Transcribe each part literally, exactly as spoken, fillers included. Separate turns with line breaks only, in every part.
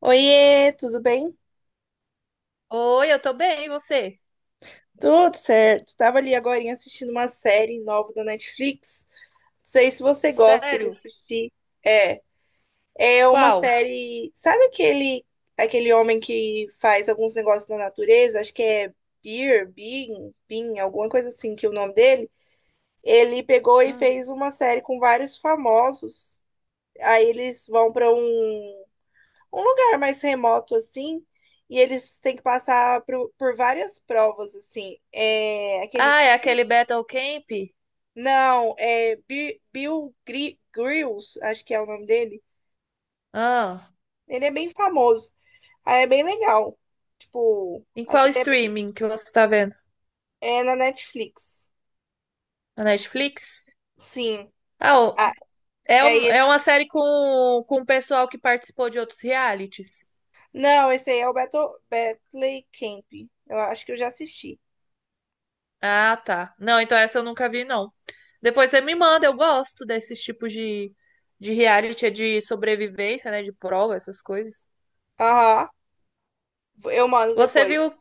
Oiê, tudo bem?
Oi, eu tô bem, e você?
Tudo certo. Tava ali agorinha assistindo uma série nova da Netflix. Não sei se você gosta de
Sério?
assistir. É, é uma
Qual?
série. Sabe aquele aquele homem que faz alguns negócios na natureza? Acho que é Beer, Bean, Bean, alguma coisa assim que é o nome dele. Ele pegou e
Hum.
fez uma série com vários famosos. Aí eles vão para um um lugar mais remoto assim, e eles têm que passar por, por várias provas assim. É aquele
Ah, é
Bir-
aquele Battle Camp?
não, é Bir- Bill Gri- Grills, acho que é o nome dele.
Ah,
Ele é bem famoso. Aí é bem legal. Tipo,
em
a
qual
série é bem
streaming que você tá vendo?
é na Netflix.
Na Netflix?
Sim.
Ah,
Ah,
o- é,
aí
um- é
ele
uma série com, com o pessoal que participou de outros realities.
não, esse aí é o Battle Battle Camp. Eu acho que eu já assisti.
Ah, tá. Não, então essa eu nunca vi, não. Depois você me manda, eu gosto desses tipos de, de reality, é de sobrevivência, né? De prova, essas coisas.
Aham. Eu mando
Você
depois.
viu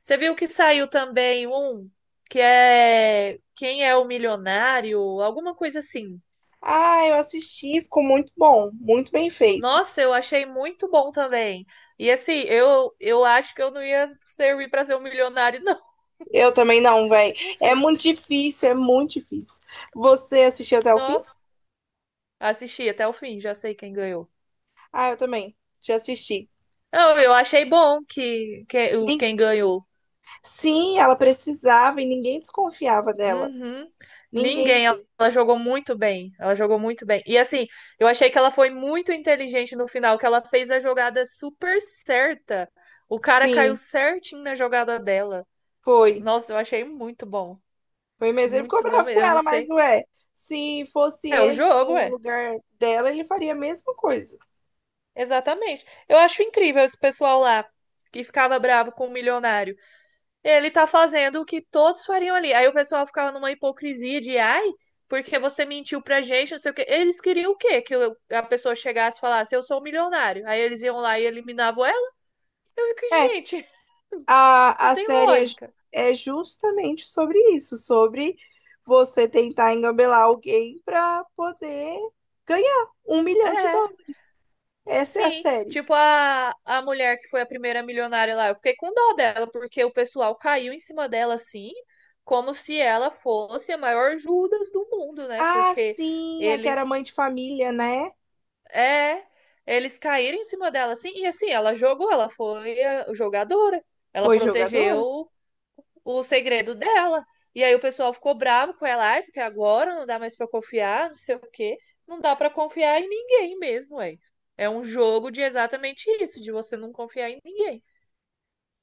Você viu que saiu também um que é Quem é o Milionário? Alguma coisa assim.
Ah, eu assisti, ficou muito bom, muito bem feito.
Nossa, eu achei muito bom também. E assim, eu, eu acho que eu não ia servir para ser um milionário, não.
Eu também não, velho.
Não
É
sei.
muito difícil, é muito difícil. Você assistiu até o fim?
Nossa, assisti até o fim, já sei quem ganhou.
Ah, eu também. Já assisti.
Não, eu achei bom que, que o-
Nin-
quem ganhou.
Sim, ela precisava e ninguém desconfiava dela.
Uhum.
Ninguém,
Ninguém, ela,
ninguém.
ela jogou muito bem. Ela jogou muito bem. E assim, eu achei que ela foi muito inteligente no final, que ela fez a jogada super certa. O cara caiu
Sim,
certinho na jogada dela.
foi.
Nossa, eu achei muito bom.
Foi mesmo. Ele ficou
Muito bom
bravo com
mesmo. Eu não
ela, mas
sei.
ué, se fosse
É o
ele
jogo,
no
é.
lugar dela, ele faria a mesma coisa.
Exatamente. Eu acho incrível esse pessoal lá que ficava bravo com o milionário. Ele tá fazendo o que todos fariam ali. Aí o pessoal ficava numa hipocrisia de, ai, porque você mentiu pra gente, não sei o quê. Eles queriam o quê? Que eu- a pessoa chegasse e falasse, eu sou um milionário. Aí eles iam lá e eliminavam ela. Eu fico,
É,
gente,
A,
não
a
tem
série é, ju-
lógica.
é justamente sobre isso, sobre você tentar engambelar alguém para poder ganhar um milhão de
É,
dólares. Essa é a
sim.
série.
Tipo a, a mulher que foi a primeira milionária lá, eu fiquei com dó dela, porque o pessoal caiu em cima dela assim, como se ela fosse a maior Judas do mundo, né?
Ah,
Porque
sim, a que era
eles
mãe de família, né?
É, eles caíram em cima dela, assim, e assim, ela jogou, ela foi a jogadora, ela
Foi jogadora?
protegeu o segredo dela. E aí o pessoal ficou bravo com ela, ai, porque agora não dá mais pra confiar, não sei o quê. Não dá pra confiar em ninguém mesmo, ué. É um jogo de exatamente isso, de você não confiar em ninguém.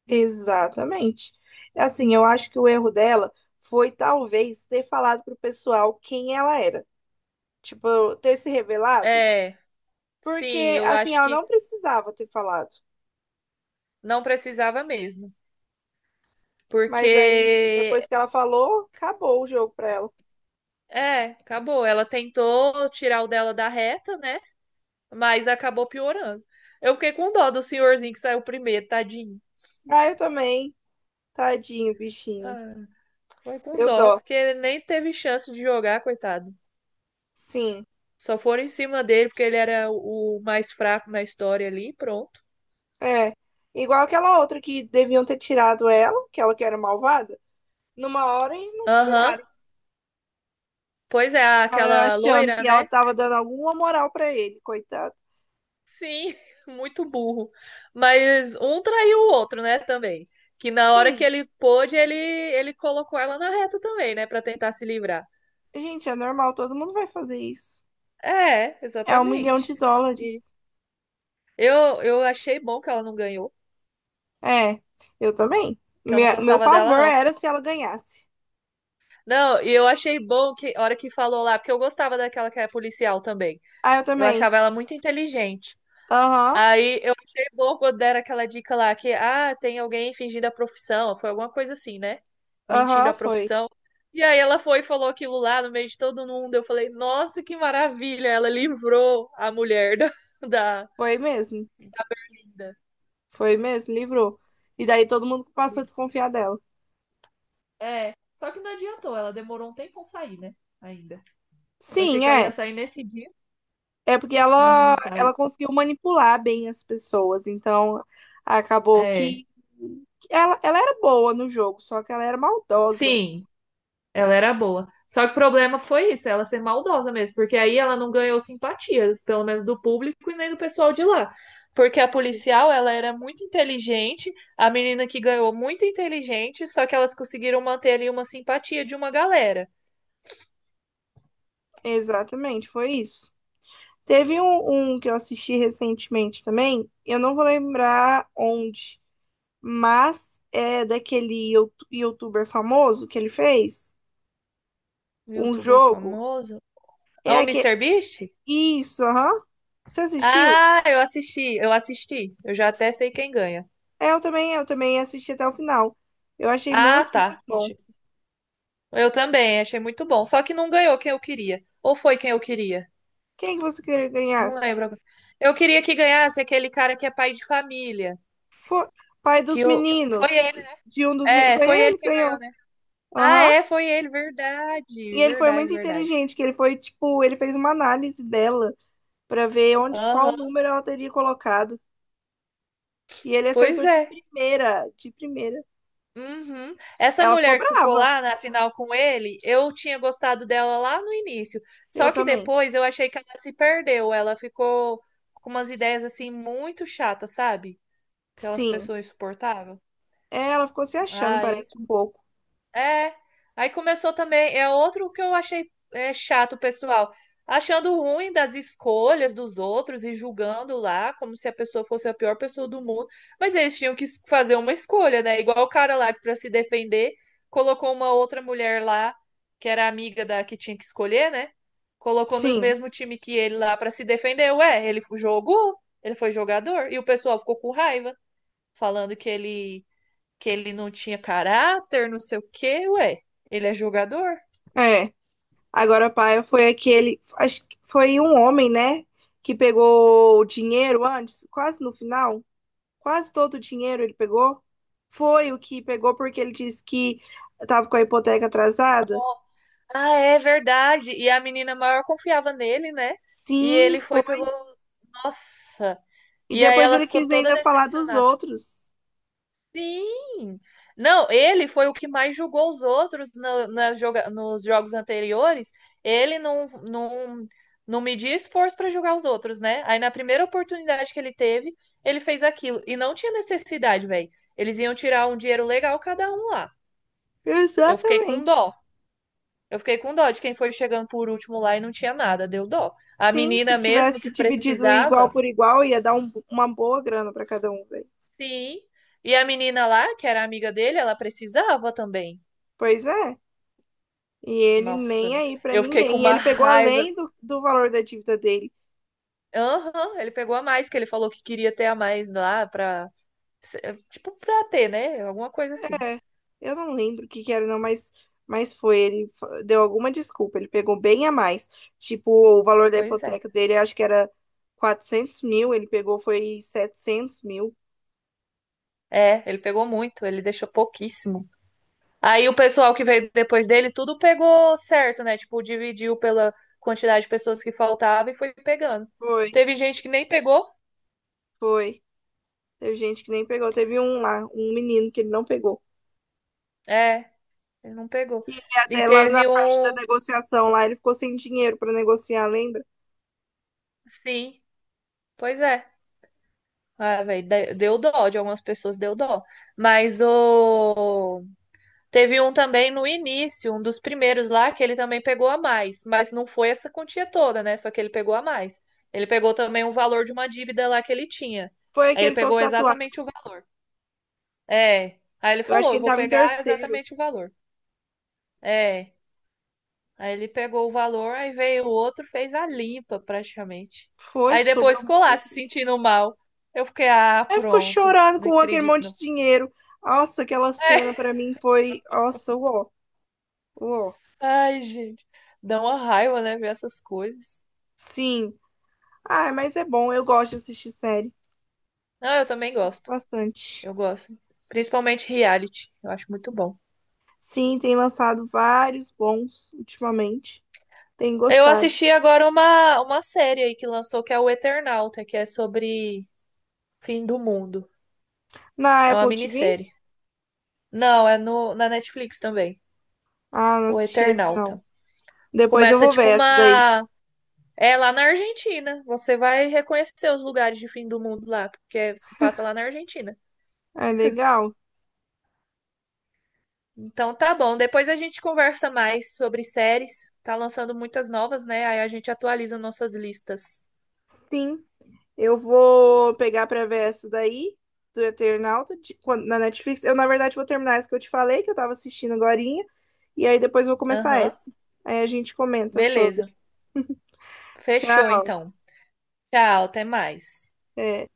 Exatamente. Assim, eu acho que o erro dela foi talvez ter falado pro pessoal quem ela era. Tipo, ter se revelado.
É, sim,
Porque,
eu
assim,
acho
ela
que
não precisava ter falado.
não precisava mesmo.
Mas aí,
Porque,
depois que ela falou, acabou o jogo pra ela.
é, acabou. Ela tentou tirar o dela da reta, né? Mas acabou piorando. Eu fiquei com dó do senhorzinho que saiu primeiro, tadinho.
Ah, eu também. Tadinho, bichinho.
Ah, foi com
Eu
dó,
dó.
porque ele nem teve chance de jogar, coitado.
Sim.
Só foram em cima dele, porque ele era o mais fraco na história ali, pronto.
É. Igual aquela outra que deviam ter tirado ela, que ela que era malvada, numa hora e não
Aham.
tiraram.
Pois é,
O cara
aquela
achando
loira,
que ela
né?
tava dando alguma moral pra ele, coitado.
Sim, muito burro. Mas um traiu o outro, né, também. Que na hora que
Sim.
ele pôde, ele, ele colocou ela na reta também, né, pra tentar se livrar.
Gente, é normal, todo mundo vai fazer isso.
É,
É um milhão
exatamente.
de dólares.
Eu, eu achei bom que ela não ganhou,
É. Eu também.
que eu não
Minha- meu
gostava dela,
pavor
não.
era se ela ganhasse.
Não, e eu achei bom que, a hora que falou lá, porque eu gostava daquela que é policial também.
Ah, eu
Eu
também.
achava ela muito inteligente.
Aham.
Aí eu achei bom quando deram aquela dica lá que, ah, tem alguém fingindo a profissão, foi alguma coisa assim, né? Mentindo
Aham,
a
foi.
profissão. E aí ela foi e falou aquilo lá no meio de todo mundo. Eu falei, nossa, que maravilha! Ela livrou a mulher da, da,
Foi mesmo.
da Berlinda.
Foi mesmo, livrou. E daí todo mundo passou a desconfiar dela.
É, só que não adiantou, ela demorou um tempo a sair, né? Ainda. Eu achei
Sim,
que ela ia
é.
sair nesse dia,
É porque
mas
ela,
não saiu.
ela conseguiu manipular bem as pessoas. Então, acabou
É,
que ela, ela era boa no jogo, só que ela era maldosa.
sim, ela era boa. Só que o problema foi isso, ela ser maldosa mesmo, porque aí ela não ganhou simpatia, pelo menos do público e nem do pessoal de lá. Porque a
É isso.
policial, ela era muito inteligente, a menina que ganhou muito inteligente, só que elas conseguiram manter ali uma simpatia de uma galera.
Exatamente, foi isso. Teve um, um que eu assisti recentemente também, eu não vou lembrar onde, mas é daquele youtu- youtuber famoso que ele fez,
Um
um
Youtuber
jogo.
famoso? Ah, o
É
Mister Beast?
isso, aham. Você assistiu?
Ah, eu assisti, eu assisti. Eu já até sei quem ganha.
É, eu também, eu também assisti até o final. Eu achei
Ah,
muito, muito
tá.
bom.
Acho que eu também, achei muito bom. Só que não ganhou quem eu queria. Ou foi quem eu queria?
Quem que você queria ganhar?
Não lembro agora. Eu queria que ganhasse aquele cara que é pai de família.
Foi pai
Que
dos
eu... Foi
meninos.
ele.
De um dos meninos.
É,
Foi
foi ele
ele que
que ganhou,
ganhou.
né? Ah,
Aham.
é, foi ele.
E
Verdade,
ele foi
verdade,
muito
verdade.
inteligente, que ele foi, tipo, ele fez uma análise dela pra ver onde, qual
Aham,
número ela teria colocado. E ele
pois
acertou de
é.
primeira, de primeira.
Uhum. Essa
Ela ficou
mulher que ficou
brava.
lá na final com ele, eu tinha gostado dela lá no início.
Eu
Só que
também.
depois eu achei que ela se perdeu. Ela ficou com umas ideias assim muito chatas, sabe? Aquelas
Sim.
pessoas insuportáveis.
É, ela ficou se achando,
Ai.
parece um pouco.
É, aí começou também, é outro que eu achei é, chato, pessoal, achando ruim das escolhas dos outros e julgando lá como se a pessoa fosse a pior pessoa do mundo, mas eles tinham que es- fazer uma escolha, né? Igual o cara lá que para se defender colocou uma outra mulher lá que era amiga da que tinha que escolher, né? Colocou no
Sim.
mesmo time que ele lá para se defender. Ué, ele fu- jogou, ele foi jogador e o pessoal ficou com raiva, falando que ele que ele não tinha caráter, não sei o quê, ué, ele é jogador?
É. Agora, Paia foi aquele. Acho que foi um homem, né? Que pegou o dinheiro antes, quase no final. Quase todo o dinheiro ele pegou. Foi o que pegou porque ele disse que estava com a hipoteca atrasada.
Ah, é verdade. E a menina maior confiava nele, né? E
Sim,
ele foi e
foi.
pegou, nossa.
E
E aí
depois
ela
ele
ficou
quis
toda
ainda falar dos
decepcionada.
outros.
Sim! Não, ele foi o que mais julgou os outros na- nas joga- nos jogos anteriores. Ele não, não, não media esforço para julgar os outros, né? Aí na primeira oportunidade que ele teve, ele fez aquilo. E não tinha necessidade, velho. Eles iam tirar um dinheiro legal cada um lá. Eu fiquei com
Exatamente.
dó. Eu fiquei com dó de quem foi chegando por último lá e não tinha nada, deu dó. A
Sim, se
menina mesmo
tivesse
que
dividido igual
precisava,
por igual, ia dar um- uma boa grana para cada um, velho.
sim. E a menina lá, que era amiga dele, ela precisava também.
Pois é. E ele nem
Nossa,
aí para
eu fiquei com
ninguém. E
uma
ele pegou
raiva.
além do, do valor da dívida dele.
Aham, ele pegou a mais, que ele falou que queria ter a mais lá pra. Tipo, pra ter, né? Alguma coisa assim.
É, eu não lembro o que que era, não, mas, mas foi. Ele fa- deu alguma desculpa, ele pegou bem a mais. Tipo, o valor da
Pois é.
hipoteca dele, acho que era quatrocentos mil, ele pegou foi setecentos mil.
É, ele pegou muito, ele deixou pouquíssimo. Aí o pessoal que veio depois dele, tudo pegou certo, né? Tipo, dividiu pela quantidade de pessoas que faltava e foi pegando.
Foi,
Teve gente que nem pegou.
foi. Teve gente que nem pegou. Teve um lá, um menino que ele não pegou.
É, ele não pegou.
E ele
E
até lá na
teve
parte da
um.
negociação, lá ele ficou sem dinheiro pra negociar, lembra?
Sim, pois é. Ah, velho, de- deu dó de algumas pessoas, deu dó. Mas o... teve um também no início, um dos primeiros lá, que ele também pegou a mais. Mas não foi essa quantia toda, né? Só que ele pegou a mais. Ele pegou também o valor de uma dívida lá que ele tinha.
Foi
Aí ele
aquele todo
pegou
tatuado.
exatamente o valor. É. Aí ele
Eu acho
falou,
que
eu
ele
vou
tava em
pegar
terceiro.
exatamente o valor. É. Aí ele pegou o valor, aí veio o outro, fez a limpa praticamente.
Foi,
Aí depois
sobrou um
ficou lá se
pouquinho.
sentindo mal. Eu fiquei, ah,
Aí ficou
pronto.
chorando
Não
com aquele
acredito,
monte
não.
de dinheiro. Nossa, aquela cena pra mim foi. Nossa, uó, uó.
Ai, gente. Dá uma raiva, né, ver essas coisas.
Sim. Ah, mas é bom, eu gosto de assistir série.
Não, eu também
Gosto
gosto.
bastante.
Eu gosto. Principalmente reality. Eu acho muito bom.
Sim, tem lançado vários bons ultimamente. Tem
Eu
gostado.
assisti agora uma, uma série aí que lançou, que é o Eternauta, que é sobre fim do mundo.
Na
É uma
Apple T V?
minissérie. Não, é no, na Netflix também.
Ah, não
O
assisti esse não.
Eternauta.
Depois eu
Começa
vou ver
tipo
essa daí.
uma. É lá na Argentina. Você vai reconhecer os lugares de fim do mundo lá, porque se passa lá na Argentina.
É legal?
Então tá bom. Depois a gente conversa mais sobre séries. Tá lançando muitas novas, né? Aí a gente atualiza nossas listas.
Sim. Eu vou pegar pra ver essa daí, do Eternauta, de- quando- na Netflix. Eu, na verdade, vou terminar essa que eu te falei, que eu tava assistindo agorinha, e aí depois eu vou começar
Aham.
essa. Aí a gente comenta
Beleza.
sobre.
Fechou
Tchau.
então. Tchau, até mais.
É.